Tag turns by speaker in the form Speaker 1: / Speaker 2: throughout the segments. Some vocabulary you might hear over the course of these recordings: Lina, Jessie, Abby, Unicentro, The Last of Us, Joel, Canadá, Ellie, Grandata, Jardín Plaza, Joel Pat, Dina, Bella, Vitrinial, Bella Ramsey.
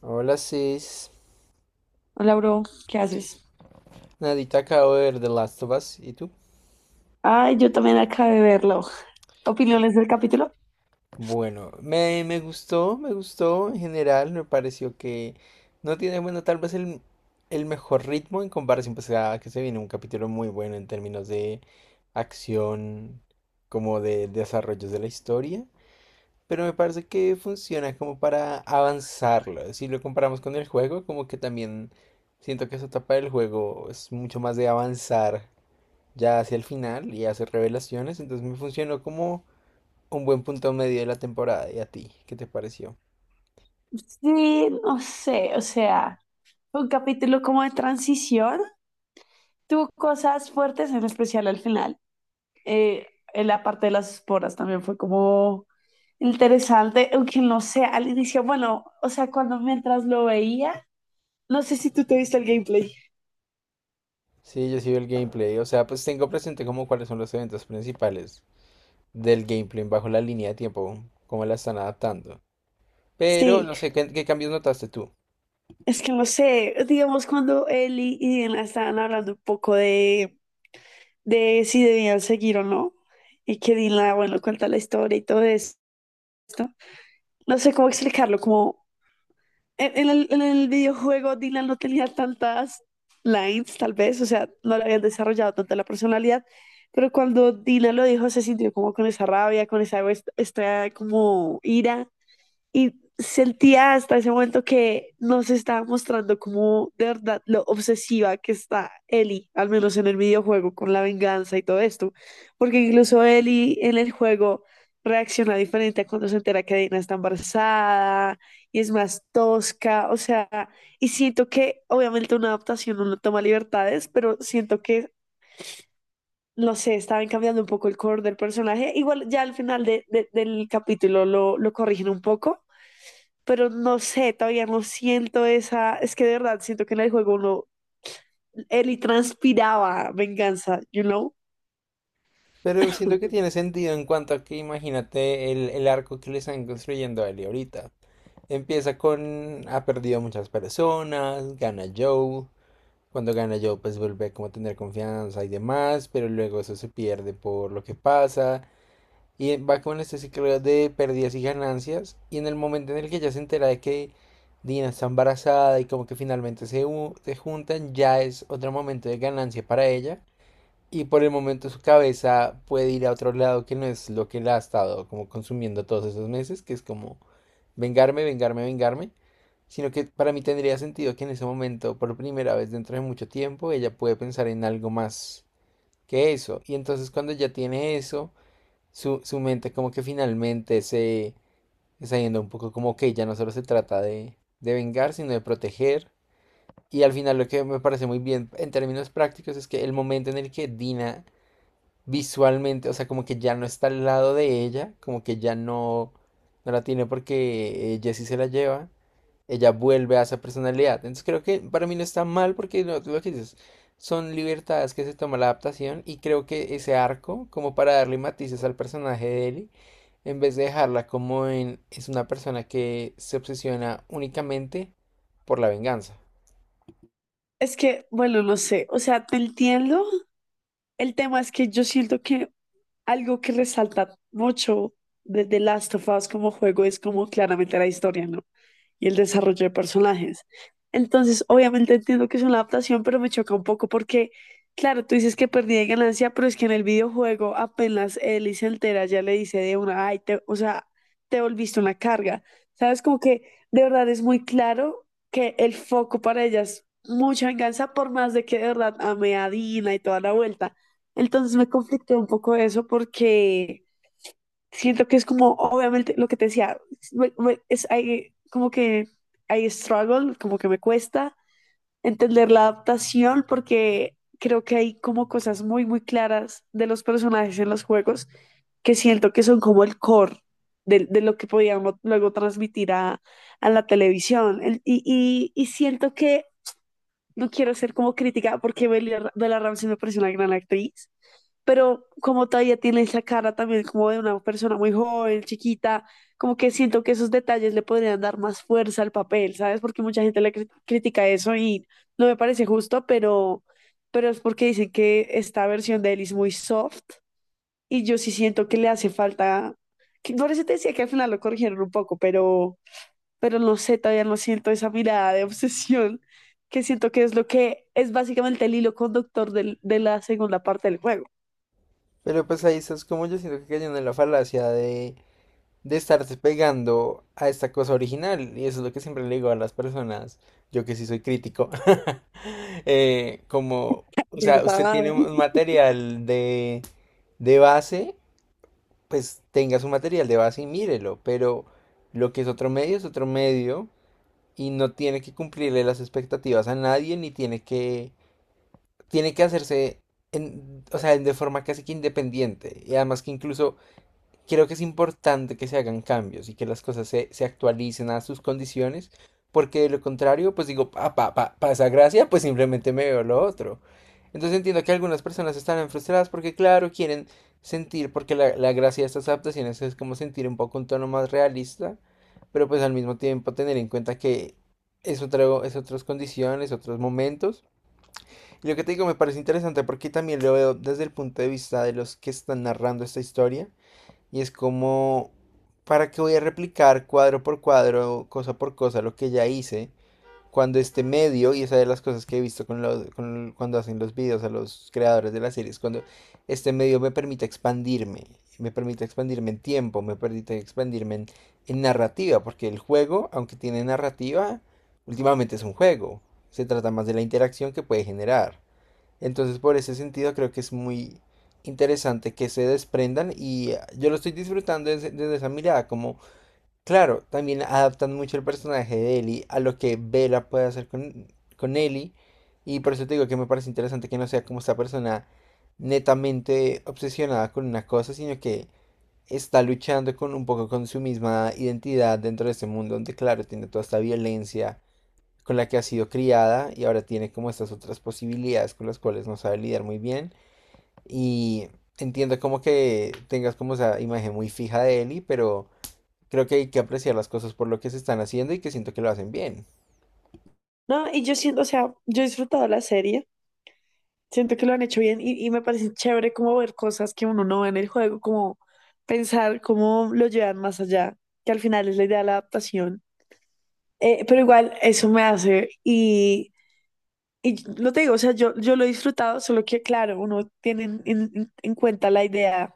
Speaker 1: Hola, sis,
Speaker 2: Hola, bro, ¿qué haces?
Speaker 1: nadita, acabo de ver The Last of Us. ¿Y tú?
Speaker 2: Ay, yo también acabé de verlo. ¿Opiniones del capítulo?
Speaker 1: Bueno, me gustó, me gustó en general. Me pareció que no tiene, bueno, tal vez el mejor ritmo en comparación, pues a que se viene un capítulo muy bueno en términos de acción, como de desarrollos de la historia. Pero me parece que funciona como para avanzarlo. Si lo comparamos con el juego, como que también siento que esa etapa del juego es mucho más de avanzar ya hacia el final y hace revelaciones, entonces me funcionó como un buen punto medio de la temporada. ¿Y a ti? ¿Qué te pareció?
Speaker 2: Sí, no sé, o sea, fue un capítulo como de transición. Tuvo cosas fuertes, en especial al final. Eh, en la parte de las esporas también fue como interesante, aunque no sé, al inicio, bueno, o sea, cuando mientras lo veía, no sé si tú te viste el gameplay.
Speaker 1: Sí, yo sigo el gameplay, o sea, pues tengo presente como cuáles son los eventos principales del gameplay bajo la línea de tiempo, cómo la están adaptando. Pero
Speaker 2: Sí,
Speaker 1: no sé, ¿qué cambios notaste tú?
Speaker 2: es que no sé, digamos cuando Eli y Diana estaban hablando un poco de si debían seguir o no. Y que Dylan, bueno, cuenta la historia y todo eso. No sé cómo explicarlo, como en el videojuego Dylan no tenía tantas lines, tal vez, o sea, no le habían desarrollado tanta la personalidad, pero cuando Dylan lo dijo se sintió como con esa rabia, con esa, esta como ira, y sentía hasta ese momento que nos estaba mostrando como de verdad lo obsesiva que está Ellie, al menos en el videojuego, con la venganza y todo esto. Porque incluso Ellie en el juego reacciona diferente a cuando se entera que Dina está embarazada y es más tosca, o sea, y siento que obviamente una adaptación no toma libertades, pero siento que, no sé, estaban cambiando un poco el core del personaje. Igual ya al final del capítulo lo corrigen un poco, pero no sé, todavía no siento esa, es que de verdad siento que en el juego no, Ellie transpiraba venganza, you know?
Speaker 1: Pero siento que tiene sentido en cuanto a que imagínate el arco que le están construyendo a él ahorita. Empieza con ha perdido muchas personas, gana Joel. Cuando gana Joe, pues vuelve como a tener confianza y demás, pero luego eso se pierde por lo que pasa. Y va con este ciclo de pérdidas y ganancias. Y en el momento en el que ya se entera de que Dina está embarazada y como que finalmente se, se juntan, ya es otro momento de ganancia para ella. Y por el momento su cabeza puede ir a otro lado que no es lo que la ha estado como consumiendo todos esos meses, que es como vengarme, vengarme, vengarme, sino que para mí tendría sentido que en ese momento, por primera vez dentro de mucho tiempo, ella puede pensar en algo más que eso. Y entonces cuando ya tiene eso, su mente como que finalmente se está yendo un poco, como que ya no solo se trata de vengar, sino de proteger. Y al final lo que me parece muy bien en términos prácticos es que el momento en el que Dina visualmente, o sea, como que ya no está al lado de ella, como que ya no, no la tiene porque Jessie se la lleva, ella vuelve a esa personalidad. Entonces creo que para mí no está mal porque lo que dices, son libertades que se toma la adaptación, y creo que ese arco, como para darle matices al personaje de Ellie, en vez de dejarla como en, es una persona que se obsesiona únicamente por la venganza.
Speaker 2: Es que, bueno, no sé, o sea, te entiendo. El tema es que yo siento que algo que resalta mucho de The Last of Us como juego es como claramente la historia, ¿no? Y el desarrollo de personajes. Entonces, obviamente entiendo que es una adaptación, pero me choca un poco porque, claro, tú dices que perdí de ganancia, pero es que en el videojuego apenas Ellie se entera, ya le dice de una, ay, o sea, te volviste una carga. ¿Sabes? Como que de verdad es muy claro que el foco para ellas mucha venganza, por más de que de verdad ame a Dina y toda la vuelta. Entonces me conflictó un poco eso porque siento que es como, obviamente, lo que te decía, como que hay struggle, como que me cuesta entender la adaptación porque creo que hay como cosas muy, muy claras de los personajes en los juegos que siento que son como el core de lo que podíamos luego transmitir a la televisión. Y siento que no quiero ser como crítica porque Bella Ramsey me parece una gran actriz, pero como todavía tiene esa cara también como de una persona muy joven, chiquita, como que siento que esos detalles le podrían dar más fuerza al papel, ¿sabes? Porque mucha gente le critica eso y no me parece justo, pero es porque dicen que esta versión de él es muy soft y yo sí siento que le hace falta, que, por eso te decía que al final lo corrigieron un poco, pero no sé, todavía no siento esa mirada de obsesión que siento que es lo que es básicamente el hilo conductor de la segunda parte del juego.
Speaker 1: Pero pues ahí estás como yo siento que cayendo en la falacia de estarse pegando a esta cosa original. Y eso es lo que siempre le digo a las personas, yo que sí soy crítico, como, o sea, usted
Speaker 2: ¿Verdad?
Speaker 1: tiene un material de base, pues tenga su material de base y mírelo, pero lo que es otro medio y no tiene que cumplirle las expectativas a nadie ni tiene que, tiene que hacerse... o sea, de forma casi que independiente. Y además que incluso creo que es importante que se hagan cambios y que las cosas se actualicen a sus condiciones, porque de lo contrario, pues digo, pa esa gracia, pues simplemente me veo lo otro. Entonces entiendo que algunas personas estarán frustradas porque, claro, quieren sentir, porque la gracia de estas adaptaciones es como sentir un poco un tono más realista, pero pues al mismo tiempo tener en cuenta que es, otro, es otras condiciones, otros momentos. Y lo que te digo me parece interesante porque también lo veo desde el punto de vista de los que están narrando esta historia. Y es como, ¿para qué voy a replicar cuadro por cuadro, cosa por cosa, lo que ya hice? Cuando este medio, y esa es de las cosas que he visto con cuando hacen los videos a los creadores de las series, cuando este medio me permite expandirme en tiempo, me permite expandirme en narrativa, porque el juego, aunque tiene narrativa, últimamente es un juego, se trata más de la interacción que puede generar. Entonces, por ese sentido, creo que es muy interesante que se desprendan y yo lo estoy disfrutando desde, desde esa mirada, como, claro, también adaptan mucho el personaje de Ellie a lo que Bella puede hacer con Ellie, y por eso te digo que me parece interesante que no sea como esta persona netamente obsesionada con una cosa, sino que está luchando con un poco con su misma identidad dentro de este mundo donde, claro, tiene toda esta violencia con la que ha sido criada y ahora tiene como estas otras posibilidades con las cuales no sabe lidiar muy bien. Y entiendo como que tengas como esa imagen muy fija de Ellie, pero creo que hay que apreciar las cosas por lo que se están haciendo y que siento que lo hacen bien.
Speaker 2: No, y yo siento, o sea, yo he disfrutado la serie, siento que lo han hecho bien y me parece chévere como ver cosas que uno no ve en el juego, como pensar cómo lo llevan más allá, que al final es la idea de la adaptación. Pero igual eso me hace , y lo te digo, o sea, yo lo he disfrutado, solo que claro, uno tiene en cuenta la idea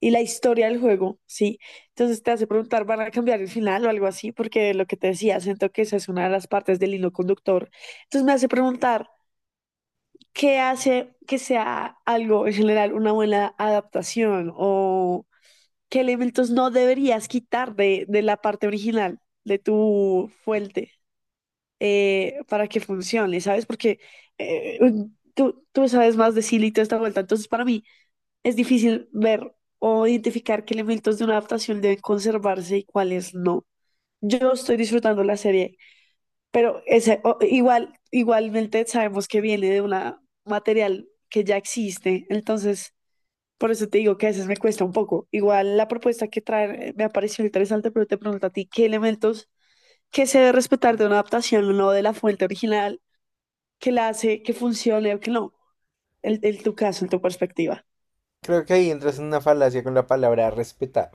Speaker 2: y la historia del juego, ¿sí? Entonces te hace preguntar, ¿van a cambiar el final o algo así? Porque lo que te decía, siento que esa es una de las partes del hilo conductor. Entonces me hace preguntar, ¿qué hace que sea algo en general una buena adaptación o qué elementos no deberías quitar de la parte original, de tu fuente, para que funcione, ¿sabes? Porque eh, tú sabes más de Silly y toda esta vuelta. Entonces, para mí, es difícil ver o identificar qué elementos de una adaptación deben conservarse y cuáles no. Yo estoy disfrutando la serie, pero ese, igual, igualmente sabemos que viene de un material que ya existe, entonces por eso te digo que a veces me cuesta un poco. Igual la propuesta que traen me ha parecido interesante, pero te pregunto a ti, ¿qué elementos que se debe respetar de una adaptación o no de la fuente original que la hace que funcione o que no? En tu caso, en tu perspectiva.
Speaker 1: Creo que ahí entras en una falacia con la palabra respetar.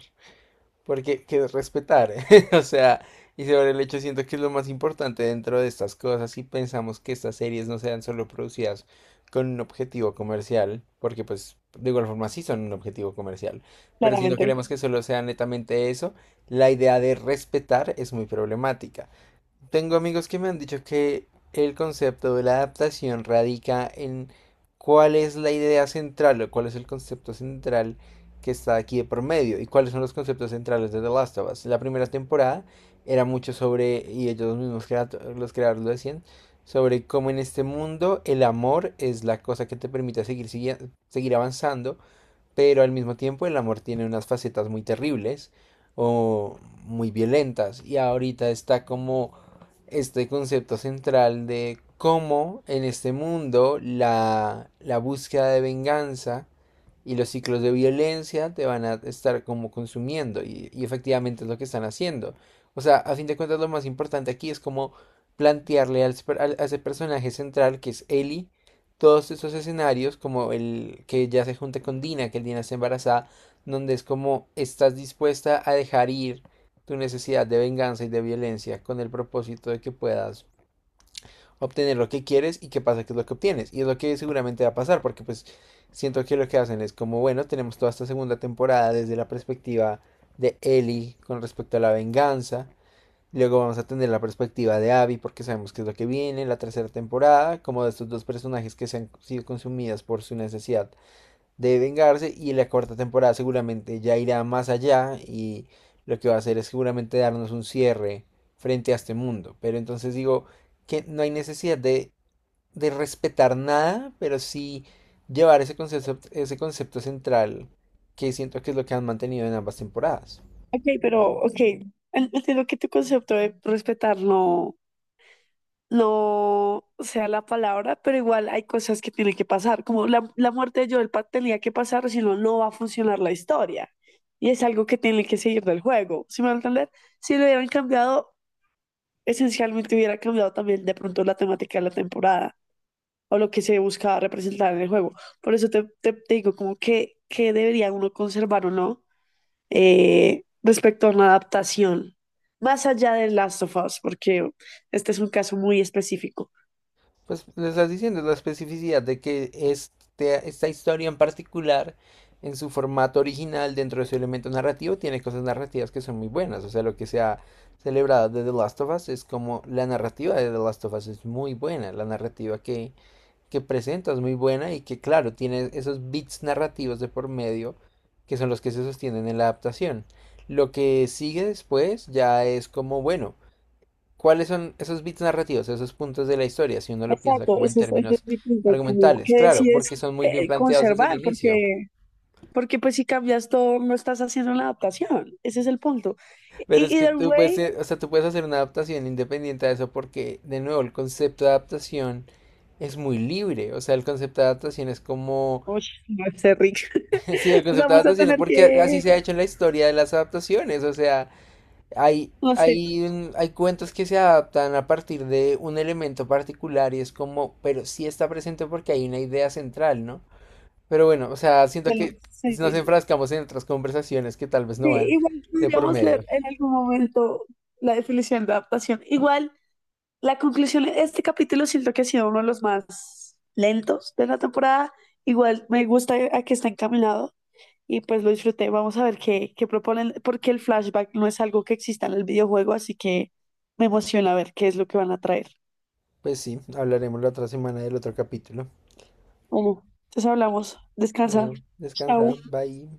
Speaker 1: Porque que es respetar, o sea, y sobre el hecho siento que es lo más importante dentro de estas cosas, y pensamos que estas series no sean solo producidas con un objetivo comercial, porque pues de igual forma sí son un objetivo comercial, pero si no
Speaker 2: Claramente.
Speaker 1: queremos que solo sea netamente eso, la idea de respetar es muy problemática. Tengo amigos que me han dicho que el concepto de la adaptación radica en cuál es la idea central o cuál es el concepto central que está aquí de por medio, y cuáles son los conceptos centrales de The Last of Us. La primera temporada era mucho sobre, y ellos mismos, los creadores, lo decían, sobre cómo en este mundo el amor es la cosa que te permite seguir, seguir avanzando, pero al mismo tiempo el amor tiene unas facetas muy terribles o muy violentas, y ahorita está como este concepto central de cómo en este mundo la búsqueda de venganza y los ciclos de violencia te van a estar como consumiendo, y efectivamente es lo que están haciendo. O sea, a fin de cuentas lo más importante aquí es como plantearle a ese personaje central que es Ellie todos esos escenarios, como el que ya se junta con Dina, que el Dina está embarazada, donde es como estás dispuesta a dejar ir tu necesidad de venganza y de violencia con el propósito de que puedas obtener lo que quieres, y qué pasa que es lo que obtienes. Y es lo que seguramente va a pasar, porque pues siento que lo que hacen es como, bueno, tenemos toda esta segunda temporada desde la perspectiva de Ellie con respecto a la venganza. Luego vamos a tener la perspectiva de Abby, porque sabemos que es lo que viene, la tercera temporada, como de estos dos personajes que se han sido consumidas por su necesidad de vengarse, y la cuarta temporada seguramente ya irá más allá, y lo que va a hacer es seguramente darnos un cierre frente a este mundo. Pero entonces digo que no hay necesidad de respetar nada, pero sí llevar ese concepto central que siento que es lo que han mantenido en ambas temporadas.
Speaker 2: Ok, ok, entiendo que tu concepto de respetar no, no sea la palabra, pero igual hay cosas que tienen que pasar, como la muerte de Joel Pat tenía que pasar, si no, no va a funcionar la historia. Y es algo que tiene que seguir del juego, ¿sí me van a entender? Si lo hubieran cambiado, esencialmente hubiera cambiado también de pronto la temática de la temporada, o lo que se buscaba representar en el juego. Por eso te digo como que debería uno conservar o no, respecto a una adaptación, más allá de Last of Us, porque este es un caso muy específico.
Speaker 1: Pues le estás diciendo la especificidad de que este, esta historia en particular, en su formato original, dentro de su elemento narrativo, tiene cosas narrativas que son muy buenas. O sea, lo que se ha celebrado de The Last of Us es como la narrativa de The Last of Us es muy buena. La narrativa que presenta es muy buena, y que, claro, tiene esos bits narrativos de por medio que son los que se sostienen en la adaptación. Lo que sigue después ya es como, bueno. ¿Cuáles son esos bits narrativos, esos puntos de la historia, si uno lo piensa
Speaker 2: Exacto,
Speaker 1: como en
Speaker 2: ese es
Speaker 1: términos
Speaker 2: mi punto, es como
Speaker 1: argumentales?
Speaker 2: que
Speaker 1: Claro,
Speaker 2: decides
Speaker 1: porque son muy bien planteados desde el
Speaker 2: conservar,
Speaker 1: inicio.
Speaker 2: porque pues si cambias todo, no estás haciendo una adaptación, ese es el punto.
Speaker 1: Pero es
Speaker 2: Y
Speaker 1: que
Speaker 2: either
Speaker 1: tú puedes,
Speaker 2: way,
Speaker 1: o sea, tú puedes hacer una adaptación independiente de eso porque, de nuevo, el concepto de adaptación es muy libre. O sea, el concepto de adaptación es como...
Speaker 2: uy, no sé, Rick,
Speaker 1: Sí, el concepto de
Speaker 2: vamos a
Speaker 1: adaptación es
Speaker 2: tener que,
Speaker 1: porque así se ha hecho en la historia de las adaptaciones. O sea, hay...
Speaker 2: no sé,
Speaker 1: hay, hay cuentos que se adaptan a partir de un elemento particular y es como, pero sí está presente porque hay una idea central, ¿no? Pero bueno, o sea, siento
Speaker 2: bueno,
Speaker 1: que
Speaker 2: sí.
Speaker 1: nos enfrascamos en otras conversaciones que tal vez no
Speaker 2: Sí,
Speaker 1: van
Speaker 2: igual
Speaker 1: de por
Speaker 2: podríamos leer
Speaker 1: medio.
Speaker 2: en algún momento la definición de adaptación. Igual, la conclusión de este capítulo siento que ha sido uno de los más lentos de la temporada. Igual me gusta a que está encaminado y pues lo disfruté. Vamos a ver qué proponen, porque el flashback no es algo que exista en el videojuego, así que me emociona ver qué es lo que van a traer.
Speaker 1: Pues sí, hablaremos la otra semana del otro capítulo.
Speaker 2: Bueno, entonces hablamos. Descansa.
Speaker 1: Bueno, descansa,
Speaker 2: Chao.
Speaker 1: bye.